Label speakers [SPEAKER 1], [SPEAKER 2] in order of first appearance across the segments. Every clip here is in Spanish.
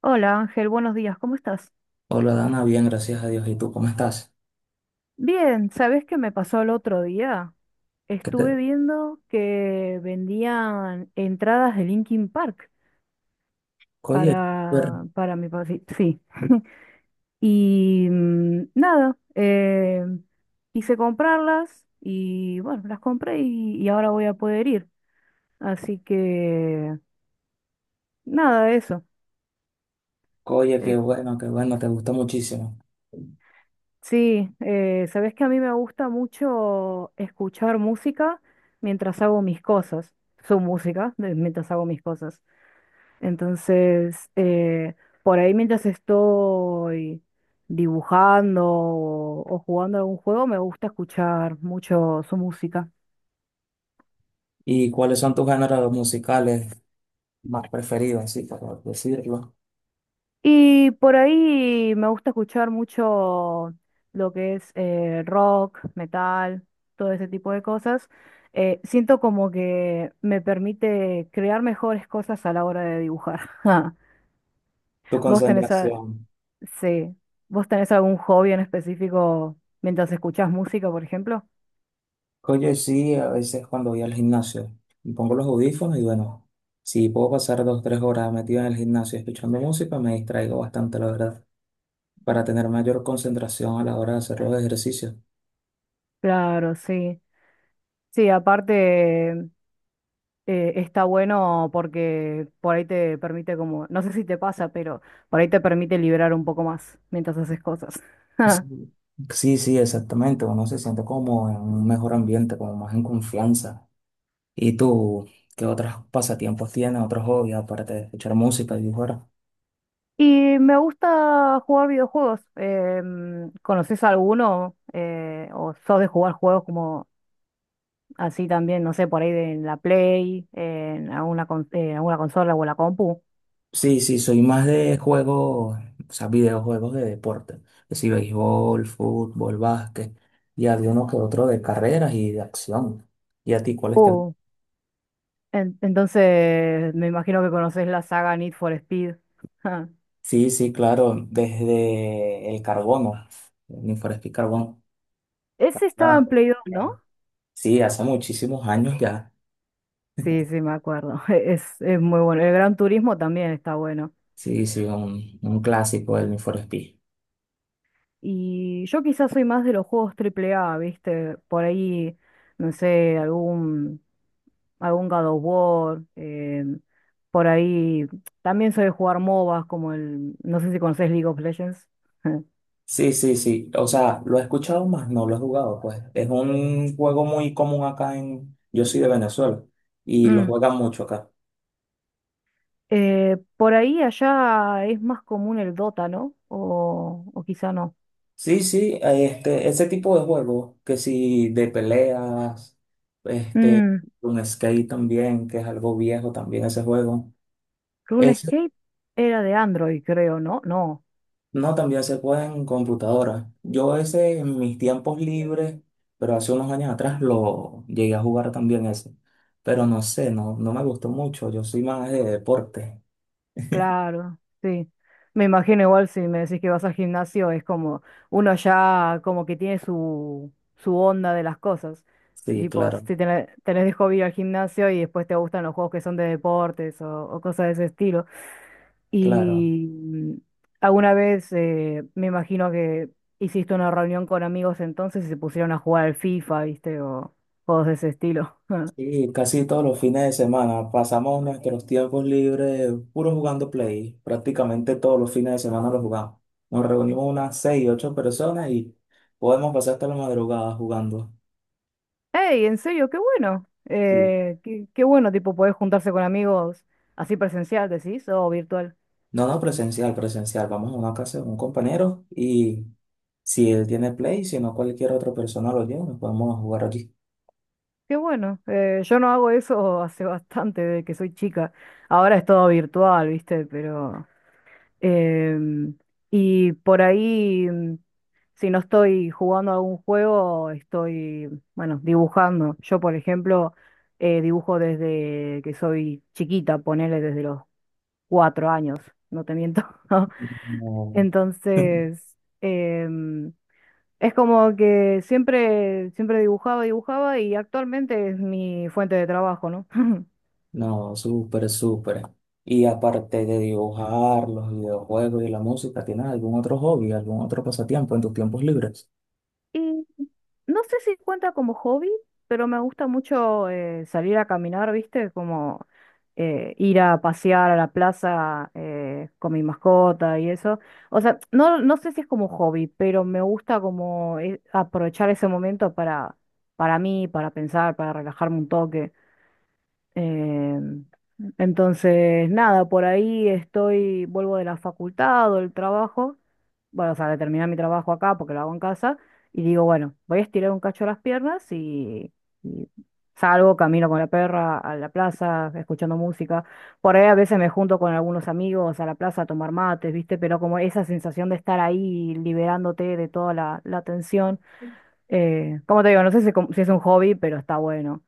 [SPEAKER 1] Hola Ángel, buenos días, ¿cómo estás?
[SPEAKER 2] Hola Dana, bien, gracias a Dios. ¿Y tú cómo estás?
[SPEAKER 1] Bien, ¿sabes qué me pasó el otro día?
[SPEAKER 2] ¿Qué te...
[SPEAKER 1] Estuve viendo que vendían entradas de Linkin Park
[SPEAKER 2] Oye, súper.
[SPEAKER 1] para mi papá. Sí. Sí. Y nada, quise comprarlas y bueno, las compré y ahora voy a poder ir. Así que nada, eso.
[SPEAKER 2] Oye,
[SPEAKER 1] Eh,
[SPEAKER 2] qué bueno, te gustó muchísimo.
[SPEAKER 1] Sí, sabes que a mí me gusta mucho escuchar música mientras hago mis cosas, su música, mientras hago mis cosas. Entonces, por ahí mientras estoy dibujando o jugando algún juego, me gusta escuchar mucho su música.
[SPEAKER 2] ¿Y cuáles son tus géneros musicales más preferidos, así para decirlo?
[SPEAKER 1] Y por ahí me gusta escuchar mucho lo que es rock, metal, todo ese tipo de cosas. Siento como que me permite crear mejores cosas a la hora de dibujar.
[SPEAKER 2] Tu
[SPEAKER 1] ¿Vos tenés?
[SPEAKER 2] concentración.
[SPEAKER 1] Sí. ¿Vos tenés algún hobby en específico mientras escuchás música, por ejemplo?
[SPEAKER 2] Oye, sí, a veces cuando voy al gimnasio, me pongo los audífonos y bueno, si puedo pasar 2, 3 horas metido en el gimnasio escuchando música, me distraigo bastante, la verdad, para tener mayor concentración a la hora de hacer los ejercicios.
[SPEAKER 1] Claro, sí. Sí, aparte está bueno porque por ahí te permite como, no sé si te pasa, pero por ahí te permite liberar un poco más mientras haces cosas.
[SPEAKER 2] Sí, sí, sí, exactamente. Uno se siente como en un mejor ambiente, como más en confianza. ¿Y tú qué otros pasatiempos tienes, otros hobbies, aparte de escuchar música y dibujar?
[SPEAKER 1] Y me gusta jugar videojuegos. ¿Conoces alguno? ¿O sos de jugar juegos como así también, no sé, por ahí de en la Play, en alguna, en alguna consola o en la compu?
[SPEAKER 2] Sí, sí, soy más de juegos, o sea, videojuegos de deporte. Es decir, béisbol, fútbol, básquet. Y había uno que otro de carreras y de acción. ¿Y a ti cuáles te gustan?
[SPEAKER 1] Uh, entonces me imagino que conoces la saga Need for Speed.
[SPEAKER 2] Sí, sí, claro, desde el carbono, el Need for Speed Carbono.
[SPEAKER 1] Ese estaba
[SPEAKER 2] Ah,
[SPEAKER 1] en Play 2, ¿no?
[SPEAKER 2] sí, hace muchísimos años ya.
[SPEAKER 1] Sí, sí, me acuerdo. Es muy bueno. El Gran Turismo también está bueno.
[SPEAKER 2] Sí, sí, un clásico del Need for Speed.
[SPEAKER 1] Y yo quizás soy más de los juegos triple A, ¿viste? Por ahí, no sé, algún God of War. Por ahí también soy de jugar MOBAs como el, no sé si conocés League of Legends.
[SPEAKER 2] Sí, sí, sí. O sea, lo he escuchado más, no lo he jugado, pues. Es un juego muy común acá en... Yo soy de Venezuela y lo
[SPEAKER 1] Mm.
[SPEAKER 2] juegan mucho acá.
[SPEAKER 1] Por ahí allá es más común el Dota, ¿no? O quizá no.
[SPEAKER 2] Sí, sí, este, ese tipo de juegos, que si de peleas, este,
[SPEAKER 1] Mm.
[SPEAKER 2] un skate también, que es algo viejo también ese juego. Es
[SPEAKER 1] RuneScape era de Android, creo, ¿no? No.
[SPEAKER 2] No, también se puede en computadora. Yo ese en mis tiempos libres, pero hace unos años atrás lo llegué a jugar también ese. Pero no sé, no, no me gustó mucho. Yo soy más de deporte.
[SPEAKER 1] Claro, sí. Me imagino igual si me decís que vas al gimnasio, es como uno ya como que tiene su onda de las cosas.
[SPEAKER 2] Sí,
[SPEAKER 1] Tipo,
[SPEAKER 2] claro,
[SPEAKER 1] si tenés de hobby ir al gimnasio y después te gustan los juegos que son de deportes o cosas de ese estilo.
[SPEAKER 2] claro.
[SPEAKER 1] Y mm, alguna vez me imagino que hiciste una reunión con amigos entonces y se pusieron a jugar al FIFA, ¿viste? O juegos de ese estilo.
[SPEAKER 2] Y casi todos los fines de semana pasamos nuestros tiempos libres puro jugando play. Prácticamente todos los fines de semana lo jugamos. Nos reunimos unas 6, 8 personas y podemos pasar hasta la madrugada jugando.
[SPEAKER 1] Hey, en serio, qué bueno.
[SPEAKER 2] Sí.
[SPEAKER 1] Qué bueno, tipo, poder juntarse con amigos así presencial, decís, o virtual.
[SPEAKER 2] No, no, presencial, presencial. Vamos a una casa de un compañero y si él tiene Play, si no cualquier otra persona lo lleva, nos podemos jugar aquí.
[SPEAKER 1] Qué bueno. Yo no hago eso hace bastante, desde que soy chica. Ahora es todo virtual, ¿viste? Pero em, y por ahí, si no estoy jugando algún juego, estoy, bueno, dibujando. Yo, por ejemplo, dibujo desde que soy chiquita, ponele desde los 4 años, no te miento.
[SPEAKER 2] No,
[SPEAKER 1] Entonces, es como que siempre, siempre dibujaba, dibujaba y actualmente es mi fuente de trabajo, ¿no?
[SPEAKER 2] no, súper, súper. Y aparte de dibujar, los videojuegos y la música, ¿tienes algún otro hobby, algún otro pasatiempo en tus tiempos libres?
[SPEAKER 1] Y no sé si cuenta como hobby, pero me gusta mucho salir a caminar, ¿viste? Como ir a pasear a la plaza con mi mascota y eso. O sea, no, no sé si es como hobby, pero me gusta como aprovechar ese momento para, mí, para pensar, para relajarme un toque. Eh, entonces, nada, por ahí estoy, vuelvo de la facultad o del trabajo, bueno, o sea, de terminar mi trabajo acá porque lo hago en casa, y digo, bueno, voy a estirar un cacho las piernas y salgo, camino con la perra a la plaza, escuchando música. Por ahí a veces me junto con algunos amigos a la plaza a tomar mates, ¿viste? Pero como esa sensación de estar ahí liberándote de toda la tensión, como te digo, no sé si, si es un hobby, pero está bueno.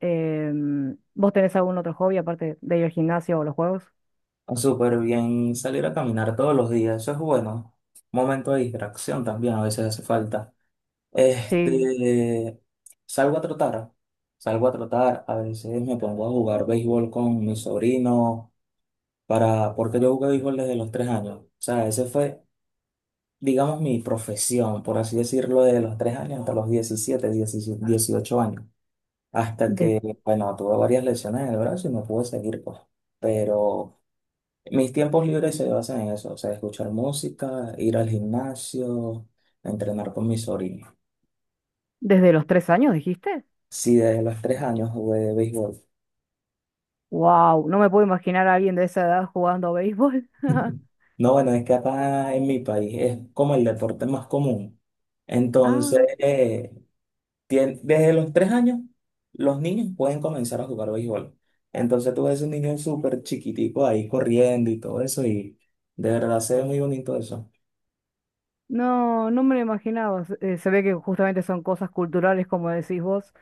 [SPEAKER 1] ¿Vos tenés algún otro hobby aparte de ir al gimnasio o los juegos?
[SPEAKER 2] Ah, súper bien salir a caminar todos los días, eso es bueno. Momento de distracción también, a veces hace falta.
[SPEAKER 1] Sí.
[SPEAKER 2] Este, salgo a trotar, salgo a trotar, a veces me pongo a jugar béisbol con mi sobrino, porque yo jugué béisbol desde los 3 años. O sea, ese fue, digamos, mi profesión, por así decirlo, desde los 3 años hasta los 17 17, 18 años. Hasta
[SPEAKER 1] De-
[SPEAKER 2] que, bueno, tuve varias lesiones en el brazo y no pude seguir, pues. Pero mis tiempos libres se basan en eso, o sea, escuchar música, ir al gimnasio, entrenar con mi sobrino.
[SPEAKER 1] ¿Desde los 3 años dijiste?
[SPEAKER 2] Sí, desde los 3 años jugué de béisbol.
[SPEAKER 1] ¡Wow! No me puedo imaginar a alguien de esa edad jugando a béisbol.
[SPEAKER 2] No, bueno, es que acá en mi país es como el deporte más común. Entonces,
[SPEAKER 1] Ah,
[SPEAKER 2] desde los 3 años, los niños pueden comenzar a jugar béisbol. Entonces, tú ves un niño súper chiquitico ahí corriendo y todo eso, y de verdad se ve muy bonito eso.
[SPEAKER 1] no, no me lo imaginaba. Se ve que justamente son cosas culturales, como decís vos.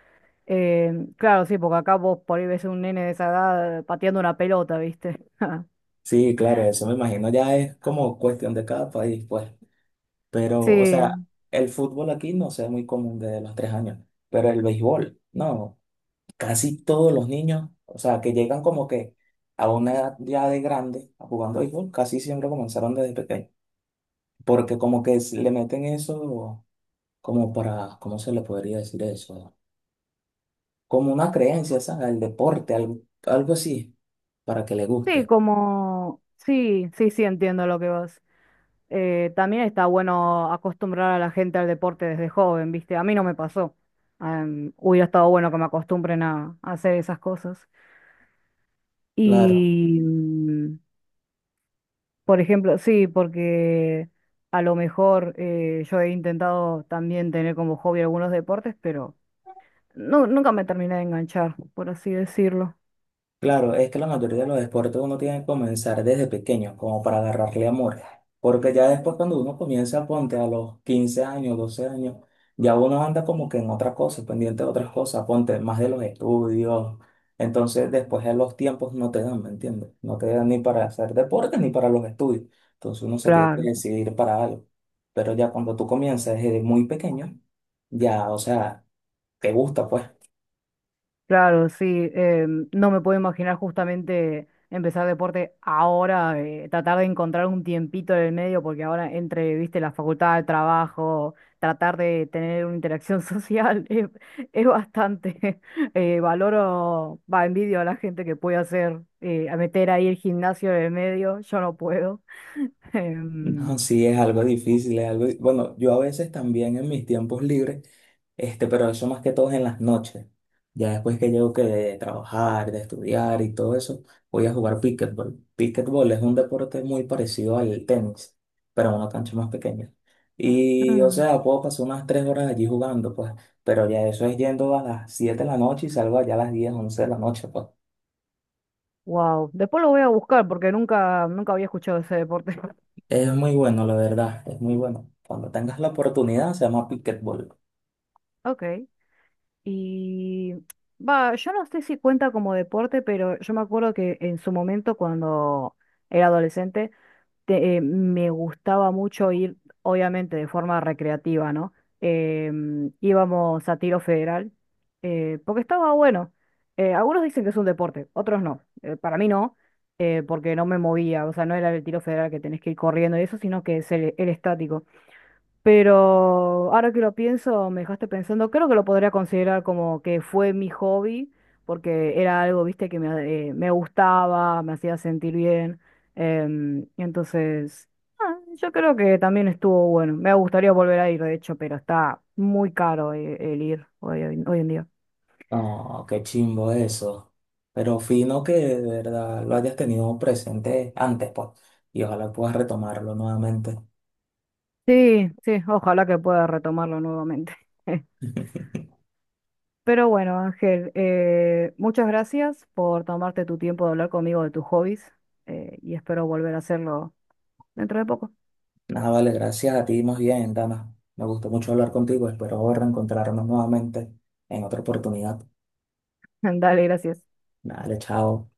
[SPEAKER 1] Claro, sí, porque acá vos por ahí ves un nene de esa edad pateando una pelota, ¿viste?
[SPEAKER 2] Sí, claro, eso me imagino ya es como cuestión de cada país, pues. Pero, o sea,
[SPEAKER 1] Sí,
[SPEAKER 2] el fútbol aquí no se ve muy común desde los 3 años, pero el béisbol, no. Casi todos los niños, o sea, que llegan como que a una edad ya de grande a jugando béisbol, casi siempre comenzaron desde pequeño, porque como que le meten eso como para, ¿cómo se le podría decir eso? Como una creencia, ¿sabes? Al deporte, algo así, para que le
[SPEAKER 1] sí,
[SPEAKER 2] guste.
[SPEAKER 1] como... Sí, sí, sí, entiendo lo que vas. También está bueno acostumbrar a la gente al deporte desde joven, ¿viste? A mí no me pasó. Hubiera estado bueno que me acostumbren a hacer esas cosas.
[SPEAKER 2] Claro.
[SPEAKER 1] Y, por ejemplo, sí, porque a lo mejor yo he intentado también tener como hobby algunos deportes, pero nunca me terminé de enganchar, por así decirlo.
[SPEAKER 2] Claro, es que la mayoría de los deportes uno tiene que comenzar desde pequeño, como para agarrarle amor. Porque ya después cuando uno comienza, ponte a los 15 años, 12 años, ya uno anda como que en otra cosa, pendiente de otras cosas, ponte más de los estudios. Entonces después de los tiempos no te dan, ¿me entiendes? No te dan ni para hacer deporte ni para los estudios. Entonces uno se tiene que
[SPEAKER 1] Claro.
[SPEAKER 2] decidir para algo. Pero ya cuando tú comienzas desde muy pequeño, ya, o sea, te gusta, pues.
[SPEAKER 1] Claro, sí, no me puedo imaginar justamente empezar deporte ahora, tratar de encontrar un tiempito en el medio, porque ahora entre, viste, la facultad, el trabajo, tratar de tener una interacción social es bastante. Valoro, va, envidio a la gente que puede hacer, a meter ahí el gimnasio en el medio, yo no puedo. Em,
[SPEAKER 2] No, sí, es algo difícil, es algo... Bueno, yo a veces también en mis tiempos libres, este, pero eso más que todo es en las noches. Ya después que llego que de trabajar, de estudiar y todo eso, voy a jugar pickleball. Pickleball es un deporte muy parecido al tenis, pero en una cancha más pequeña. Y, o
[SPEAKER 1] mm,
[SPEAKER 2] sea, puedo pasar unas 3 horas allí jugando, pues, pero ya eso es yendo a las 7 de la noche y salgo allá a las 10 11 de la noche, pues.
[SPEAKER 1] wow, después lo voy a buscar porque nunca, nunca había escuchado ese deporte.
[SPEAKER 2] Es muy bueno, la verdad, es muy bueno. Cuando tengas la oportunidad, se llama pickleball.
[SPEAKER 1] Ok. Y va, yo no sé si cuenta como deporte, pero yo me acuerdo que en su momento cuando era adolescente me gustaba mucho ir, obviamente de forma recreativa, ¿no? Íbamos a tiro federal, porque estaba bueno. Algunos dicen que es un deporte, otros no. Para mí no, porque no me movía, o sea, no era el tiro federal que tenés que ir corriendo y eso, sino que es el estático. Pero ahora que lo pienso, me dejaste pensando, creo que lo podría considerar como que fue mi hobby, porque era algo, viste, que me gustaba, me hacía sentir bien. Y entonces, yo creo que también estuvo bueno. Me gustaría volver a ir, de hecho, pero está muy caro ir hoy en día.
[SPEAKER 2] No, qué chimbo eso. Pero fino que de verdad lo hayas tenido presente antes, pues. Y ojalá puedas retomarlo nuevamente.
[SPEAKER 1] Sí, sí, ojalá que pueda retomarlo nuevamente. Pero bueno, Ángel, muchas gracias por tomarte tu tiempo de hablar conmigo de tus hobbies y espero volver a hacerlo dentro de poco.
[SPEAKER 2] Nada, vale, gracias a ti más bien, Dana. Me gustó mucho hablar contigo. Espero reencontrarnos nuevamente en otra oportunidad.
[SPEAKER 1] Dale, gracias.
[SPEAKER 2] Dale, chao.